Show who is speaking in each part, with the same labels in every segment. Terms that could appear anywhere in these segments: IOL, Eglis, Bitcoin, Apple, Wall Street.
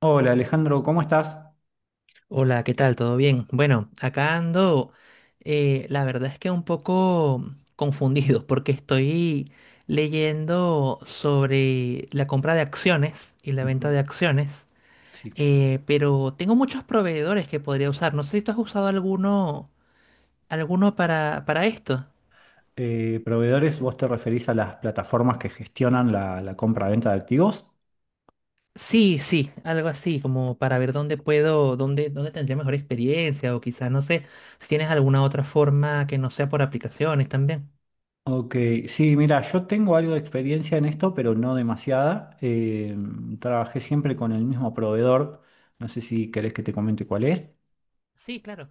Speaker 1: Hola Alejandro, ¿cómo estás?
Speaker 2: Hola, ¿qué tal? ¿Todo bien? Bueno, acá ando, la verdad es que un poco confundido porque estoy leyendo sobre la compra de acciones y la
Speaker 1: Ujú.
Speaker 2: venta de acciones,
Speaker 1: Sí.
Speaker 2: pero tengo muchos proveedores que podría usar. No sé si tú has usado alguno, alguno para esto.
Speaker 1: Proveedores, ¿vos te referís a las plataformas que gestionan la compra-venta de activos?
Speaker 2: Sí, sí, algo así, como para ver dónde puedo, dónde tendría mejor experiencia o quizás, no sé, si tienes alguna otra forma que no sea por aplicaciones también.
Speaker 1: Ok, sí, mira, yo tengo algo de experiencia en esto, pero no demasiada. Trabajé siempre con el mismo proveedor. No sé si querés que te comente cuál es.
Speaker 2: Sí, claro.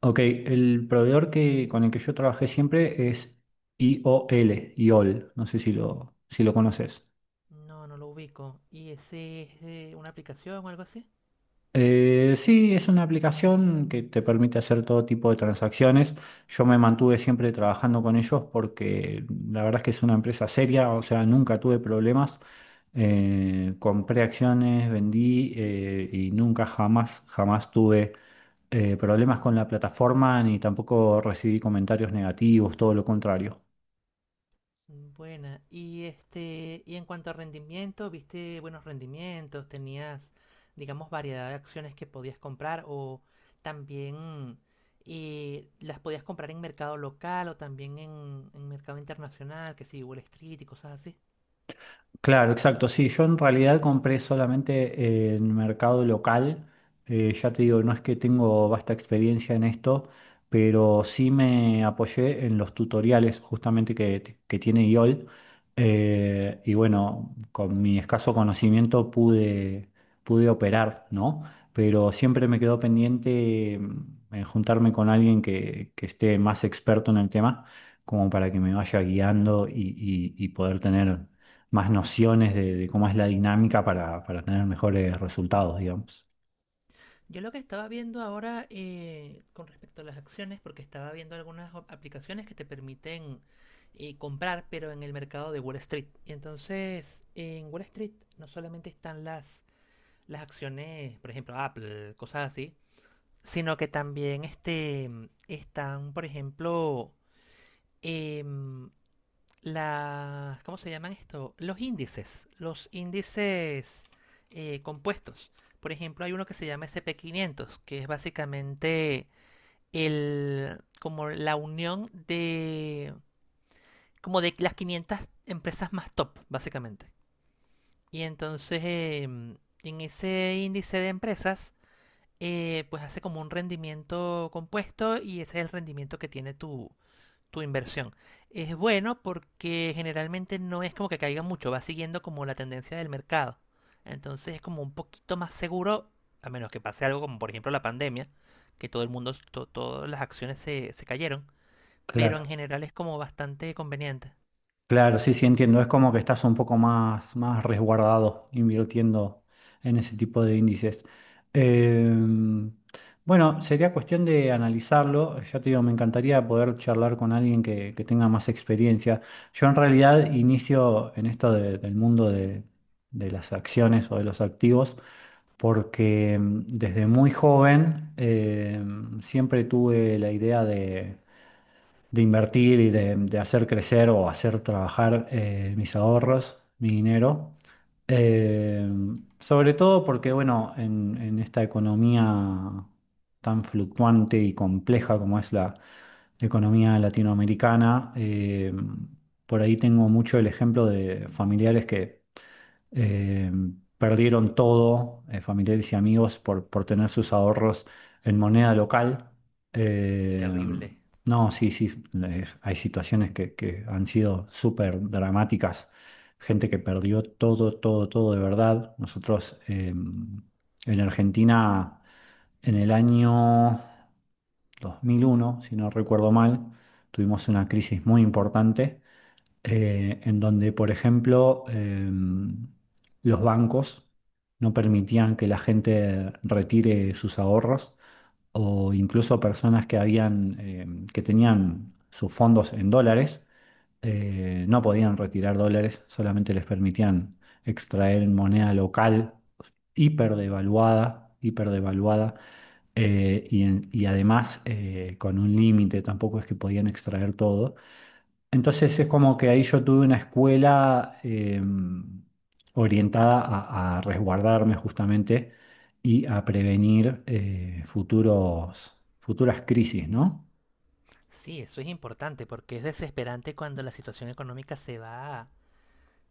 Speaker 1: Ok, el proveedor con el que yo trabajé siempre es IOL, IOL. No sé si lo, si lo conoces.
Speaker 2: No, no lo ubico. ¿Y ese es una aplicación o algo así?
Speaker 1: Sí, es una aplicación que te permite hacer todo tipo de transacciones. Yo me mantuve siempre trabajando con ellos porque la verdad es que es una empresa seria, o sea, nunca tuve problemas. Compré acciones, vendí y nunca jamás, jamás tuve problemas con la plataforma ni tampoco recibí comentarios negativos, todo lo contrario.
Speaker 2: Buena. Y este, y en cuanto a rendimiento, ¿viste buenos rendimientos? ¿Tenías, digamos, variedad de acciones que podías comprar o también las podías comprar en mercado local o también en mercado internacional, que sí, Wall Street y cosas así?
Speaker 1: Claro, exacto. Sí, yo en realidad compré solamente en mercado local. Ya te digo, no es que tengo vasta experiencia en esto, pero sí me apoyé en los tutoriales justamente que tiene IOL. Y bueno, con mi escaso conocimiento pude operar, ¿no? Pero siempre me quedó pendiente en juntarme con alguien que esté más experto en el tema, como para que me vaya guiando y y poder tener más nociones de cómo es la dinámica para tener mejores resultados, digamos.
Speaker 2: Yo lo que estaba viendo ahora con respecto a las acciones, porque estaba viendo algunas aplicaciones que te permiten comprar, pero en el mercado de Wall Street. Y entonces, en Wall Street no solamente están las acciones, por ejemplo, Apple, cosas así, sino que también este, están, por ejemplo, em, ¿cómo se llaman esto? Los índices compuestos. Por ejemplo, hay uno que se llama S&P 500, que es básicamente el, como la unión de, como de las 500 empresas más top, básicamente. Y entonces, en ese índice de empresas, pues hace como un rendimiento compuesto y ese es el rendimiento que tiene tu inversión. Es bueno porque generalmente no es como que caiga mucho, va siguiendo como la tendencia del mercado. Entonces es como un poquito más seguro, a menos que pase algo como por ejemplo la pandemia, que todo el mundo, todas las acciones se cayeron, pero en
Speaker 1: Claro.
Speaker 2: general es como bastante conveniente.
Speaker 1: Claro, sí, sí, entiendo. Es como que estás un poco más, más resguardado invirtiendo en ese tipo de índices. Em, bueno, sería cuestión de analizarlo. Ya te digo, me encantaría poder charlar con alguien que tenga más experiencia. Yo en realidad inicio en esto del mundo de las acciones o de los activos porque desde muy joven siempre tuve la idea de invertir y de hacer crecer o hacer trabajar mis ahorros, mi dinero. Eh, Sobre todo porque, bueno, en esta economía tan fluctuante y compleja como es la economía latinoamericana, por ahí tengo mucho el ejemplo de familiares que eh, perdieron todo, familiares y amigos, por tener sus ahorros en moneda local. Eh,
Speaker 2: Terrible.
Speaker 1: no, sí, sí, hay situaciones que han sido súper dramáticas. Gente que perdió todo, todo, todo de verdad. Nosotros en Argentina, en el año 2001, si no recuerdo mal, tuvimos una crisis muy importante en donde, por ejemplo, los bancos no permitían que la gente retire sus ahorros o incluso personas que habían, em, que tenían sus fondos en dólares, no podían retirar dólares, solamente les permitían extraer en moneda local hiperdevaluada, hiperdevaluada, y además con un límite, tampoco es que podían extraer todo. Entonces es como que ahí yo tuve una escuela orientada a resguardarme justamente y a prevenir futuras crisis, ¿no?
Speaker 2: Sí, eso es importante porque es desesperante cuando la situación económica se va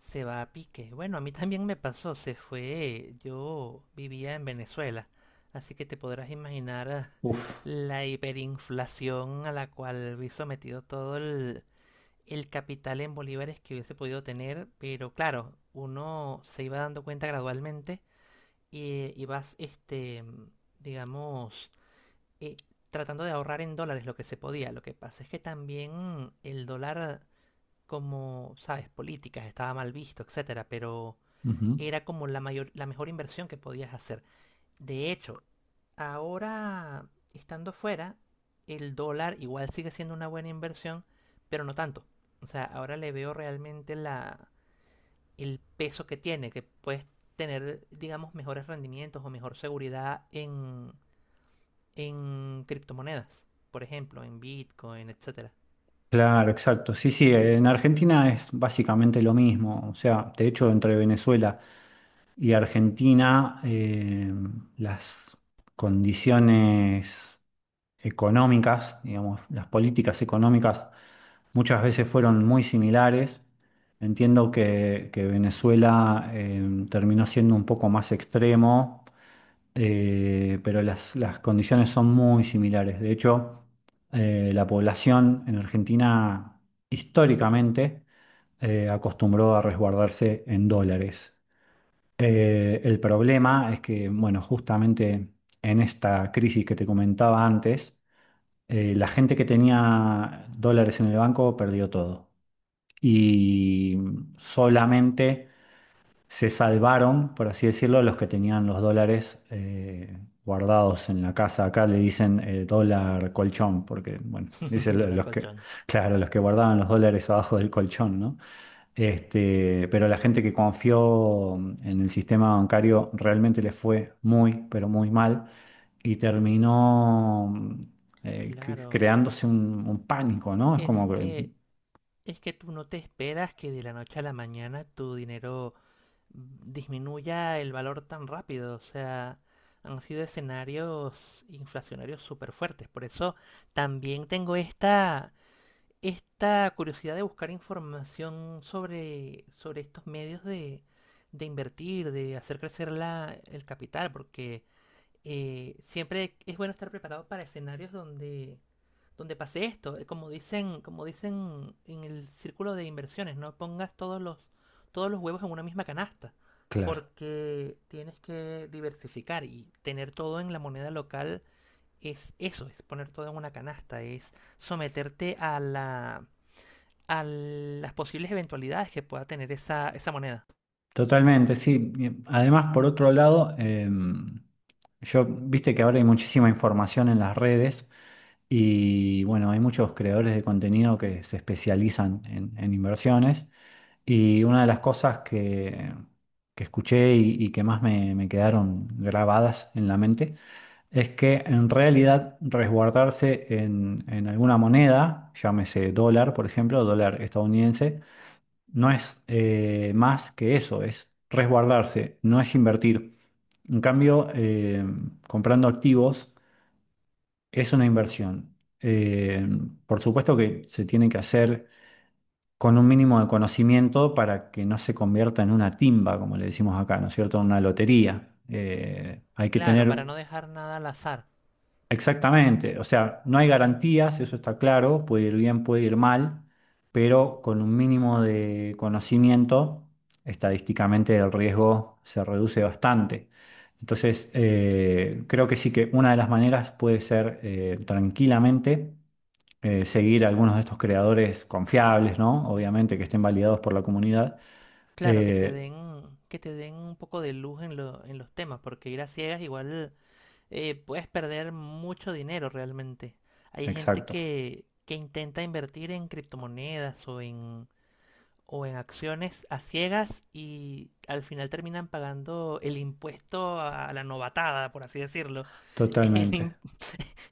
Speaker 2: Se va a pique. Bueno, a mí también me pasó, se fue. Yo vivía en Venezuela, así que te podrás imaginar
Speaker 1: Uf.
Speaker 2: la hiperinflación a la cual vi sometido todo el capital en bolívares que hubiese podido tener, pero claro, uno se iba dando cuenta gradualmente y vas, este, digamos, eh, tratando de ahorrar en dólares lo que se podía. Lo que pasa es que también el dólar, como sabes, políticas, estaba mal visto, etcétera, pero
Speaker 1: Ujú.
Speaker 2: era como la mayor, la mejor inversión que podías hacer. De hecho, ahora estando fuera, el dólar igual sigue siendo una buena inversión, pero no tanto. O sea, ahora le veo realmente la, el peso que tiene, que puedes tener, digamos, mejores rendimientos o mejor seguridad en criptomonedas. Por ejemplo, en Bitcoin, etcétera.
Speaker 1: Claro, exacto. Sí, sí, en Argentina es básicamente lo mismo. O sea, de hecho, entre Venezuela y Argentina, las condiciones económicas, digamos, las políticas económicas muchas veces fueron muy similares. Entiendo que Venezuela terminó siendo un poco más extremo, pero las condiciones son muy similares. De hecho, la población en Argentina históricamente acostumbró a resguardarse en dólares. El problema es que, bueno, justamente en esta crisis que te comentaba antes, la gente que tenía dólares en el banco perdió todo. Y solamente se salvaron, por así decirlo, los que tenían los dólares guardados en la casa. Acá le dicen dólar colchón, porque, bueno, dicen
Speaker 2: Dólar
Speaker 1: los que,
Speaker 2: colchón.
Speaker 1: claro, los que guardaban los dólares abajo del colchón, ¿no? Este, pero la gente que confió en el sistema bancario realmente le fue muy, pero muy mal y terminó mm,
Speaker 2: Claro,
Speaker 1: creándose un pánico, ¿no? Es
Speaker 2: es
Speaker 1: como que,
Speaker 2: que Es que tú no te esperas que de la noche a la mañana tu dinero disminuya el valor tan rápido. O sea, han sido escenarios inflacionarios súper fuertes. Por eso también tengo esta curiosidad de buscar información sobre estos medios de invertir, de hacer crecer la, el capital, porque siempre es bueno estar preparado para escenarios donde pase esto. Como dicen en el círculo de inversiones, no pongas todos los huevos en una misma canasta,
Speaker 1: claro.
Speaker 2: porque tienes que diversificar y tener todo en la moneda local es eso, es poner todo en una canasta, es someterte a la a las posibles eventualidades que pueda tener esa moneda.
Speaker 1: Totalmente, sí. Y además, por otro lado, yo, viste que ahora hay muchísima información en las redes y bueno, hay muchos creadores de contenido que se especializan en inversiones y una de las cosas que escuché y que más me quedaron grabadas en la mente es que en realidad resguardarse en alguna moneda, llámese dólar, por ejemplo, dólar estadounidense, no es más que eso, es resguardarse, no es invertir. En cambio, comprando activos es una inversión. Eh, por supuesto que se tiene que hacer con un mínimo de conocimiento para que no se convierta en una timba, como le decimos acá, ¿no es cierto? Una lotería. Hay que
Speaker 2: Claro, para
Speaker 1: tener
Speaker 2: no dejar nada al azar.
Speaker 1: exactamente, o sea, no hay garantías, eso está claro, puede ir bien, puede ir mal, pero con un mínimo de conocimiento, estadísticamente el riesgo se reduce bastante. Entonces, creo que sí que una de las maneras puede ser tranquilamente seguir a algunos de estos creadores confiables, ¿no? Obviamente que estén validados por la comunidad.
Speaker 2: Claro, que te
Speaker 1: Eh,
Speaker 2: den, que te den un poco de luz en en los temas, porque ir a ciegas igual puedes perder mucho dinero realmente. Hay gente
Speaker 1: exacto,
Speaker 2: que intenta invertir en criptomonedas o en acciones a ciegas y al final terminan pagando el impuesto a la novatada, por así decirlo, el im-
Speaker 1: totalmente.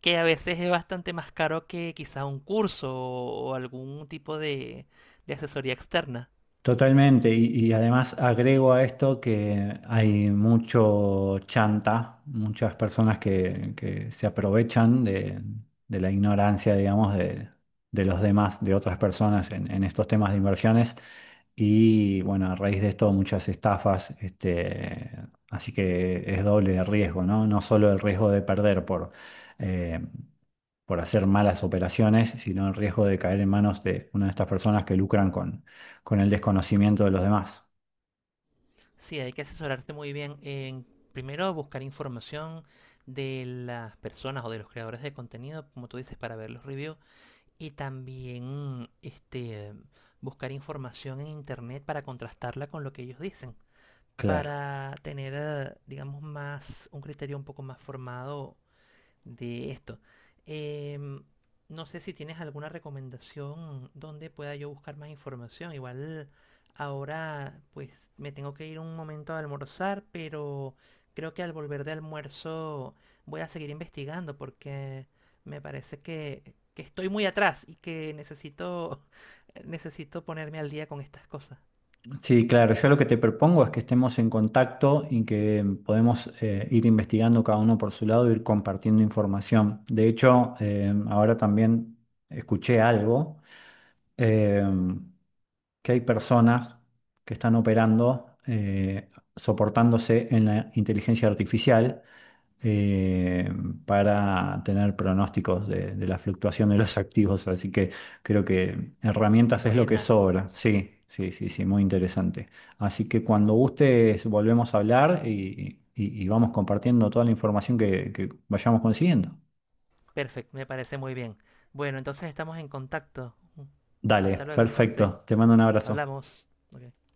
Speaker 2: que a veces es bastante más caro que quizá un curso o algún tipo de asesoría externa.
Speaker 1: Totalmente, y además agrego a esto que hay mucho chanta, muchas personas que se aprovechan de la ignorancia, digamos, de los demás, de otras personas en estos temas de inversiones. Y bueno, a raíz de esto muchas estafas, este, así que es doble de riesgo, ¿no? No solo el riesgo de perder eh, por hacer malas operaciones, sino el riesgo de caer en manos de una de estas personas que lucran con el desconocimiento de los demás.
Speaker 2: Sí, hay que asesorarte muy bien en primero buscar información de las personas o de los creadores de contenido, como tú dices, para ver los reviews y también este buscar información en internet para contrastarla con lo que ellos dicen,
Speaker 1: Claro.
Speaker 2: para tener, digamos, más un criterio un poco más formado de esto. Eh, no sé si tienes alguna recomendación donde pueda yo buscar más información. Igual ahora pues me tengo que ir un momento a almorzar, pero creo que al volver de almuerzo voy a seguir investigando porque me parece que estoy muy atrás y que necesito, necesito ponerme al día con estas cosas.
Speaker 1: Sí, claro. Yo lo que te propongo es que estemos en contacto y que podemos ir investigando cada uno por su lado, ir compartiendo información. De hecho, ahora también escuché algo, eh, que hay personas que están operando soportándose en la inteligencia artificial eh, para tener pronósticos de la fluctuación de los activos. Así que creo que herramientas es lo que
Speaker 2: Buena,
Speaker 1: sobra. Sí, sí, sí, sí, muy interesante. Así que cuando gustes volvemos a hablar y, y vamos compartiendo toda la información que vayamos consiguiendo.
Speaker 2: perfecto, me parece muy bien. Bueno, entonces estamos en contacto. Hasta
Speaker 1: Dale,
Speaker 2: luego entonces,
Speaker 1: perfecto. Te mando un abrazo.
Speaker 2: hablamos. Ok.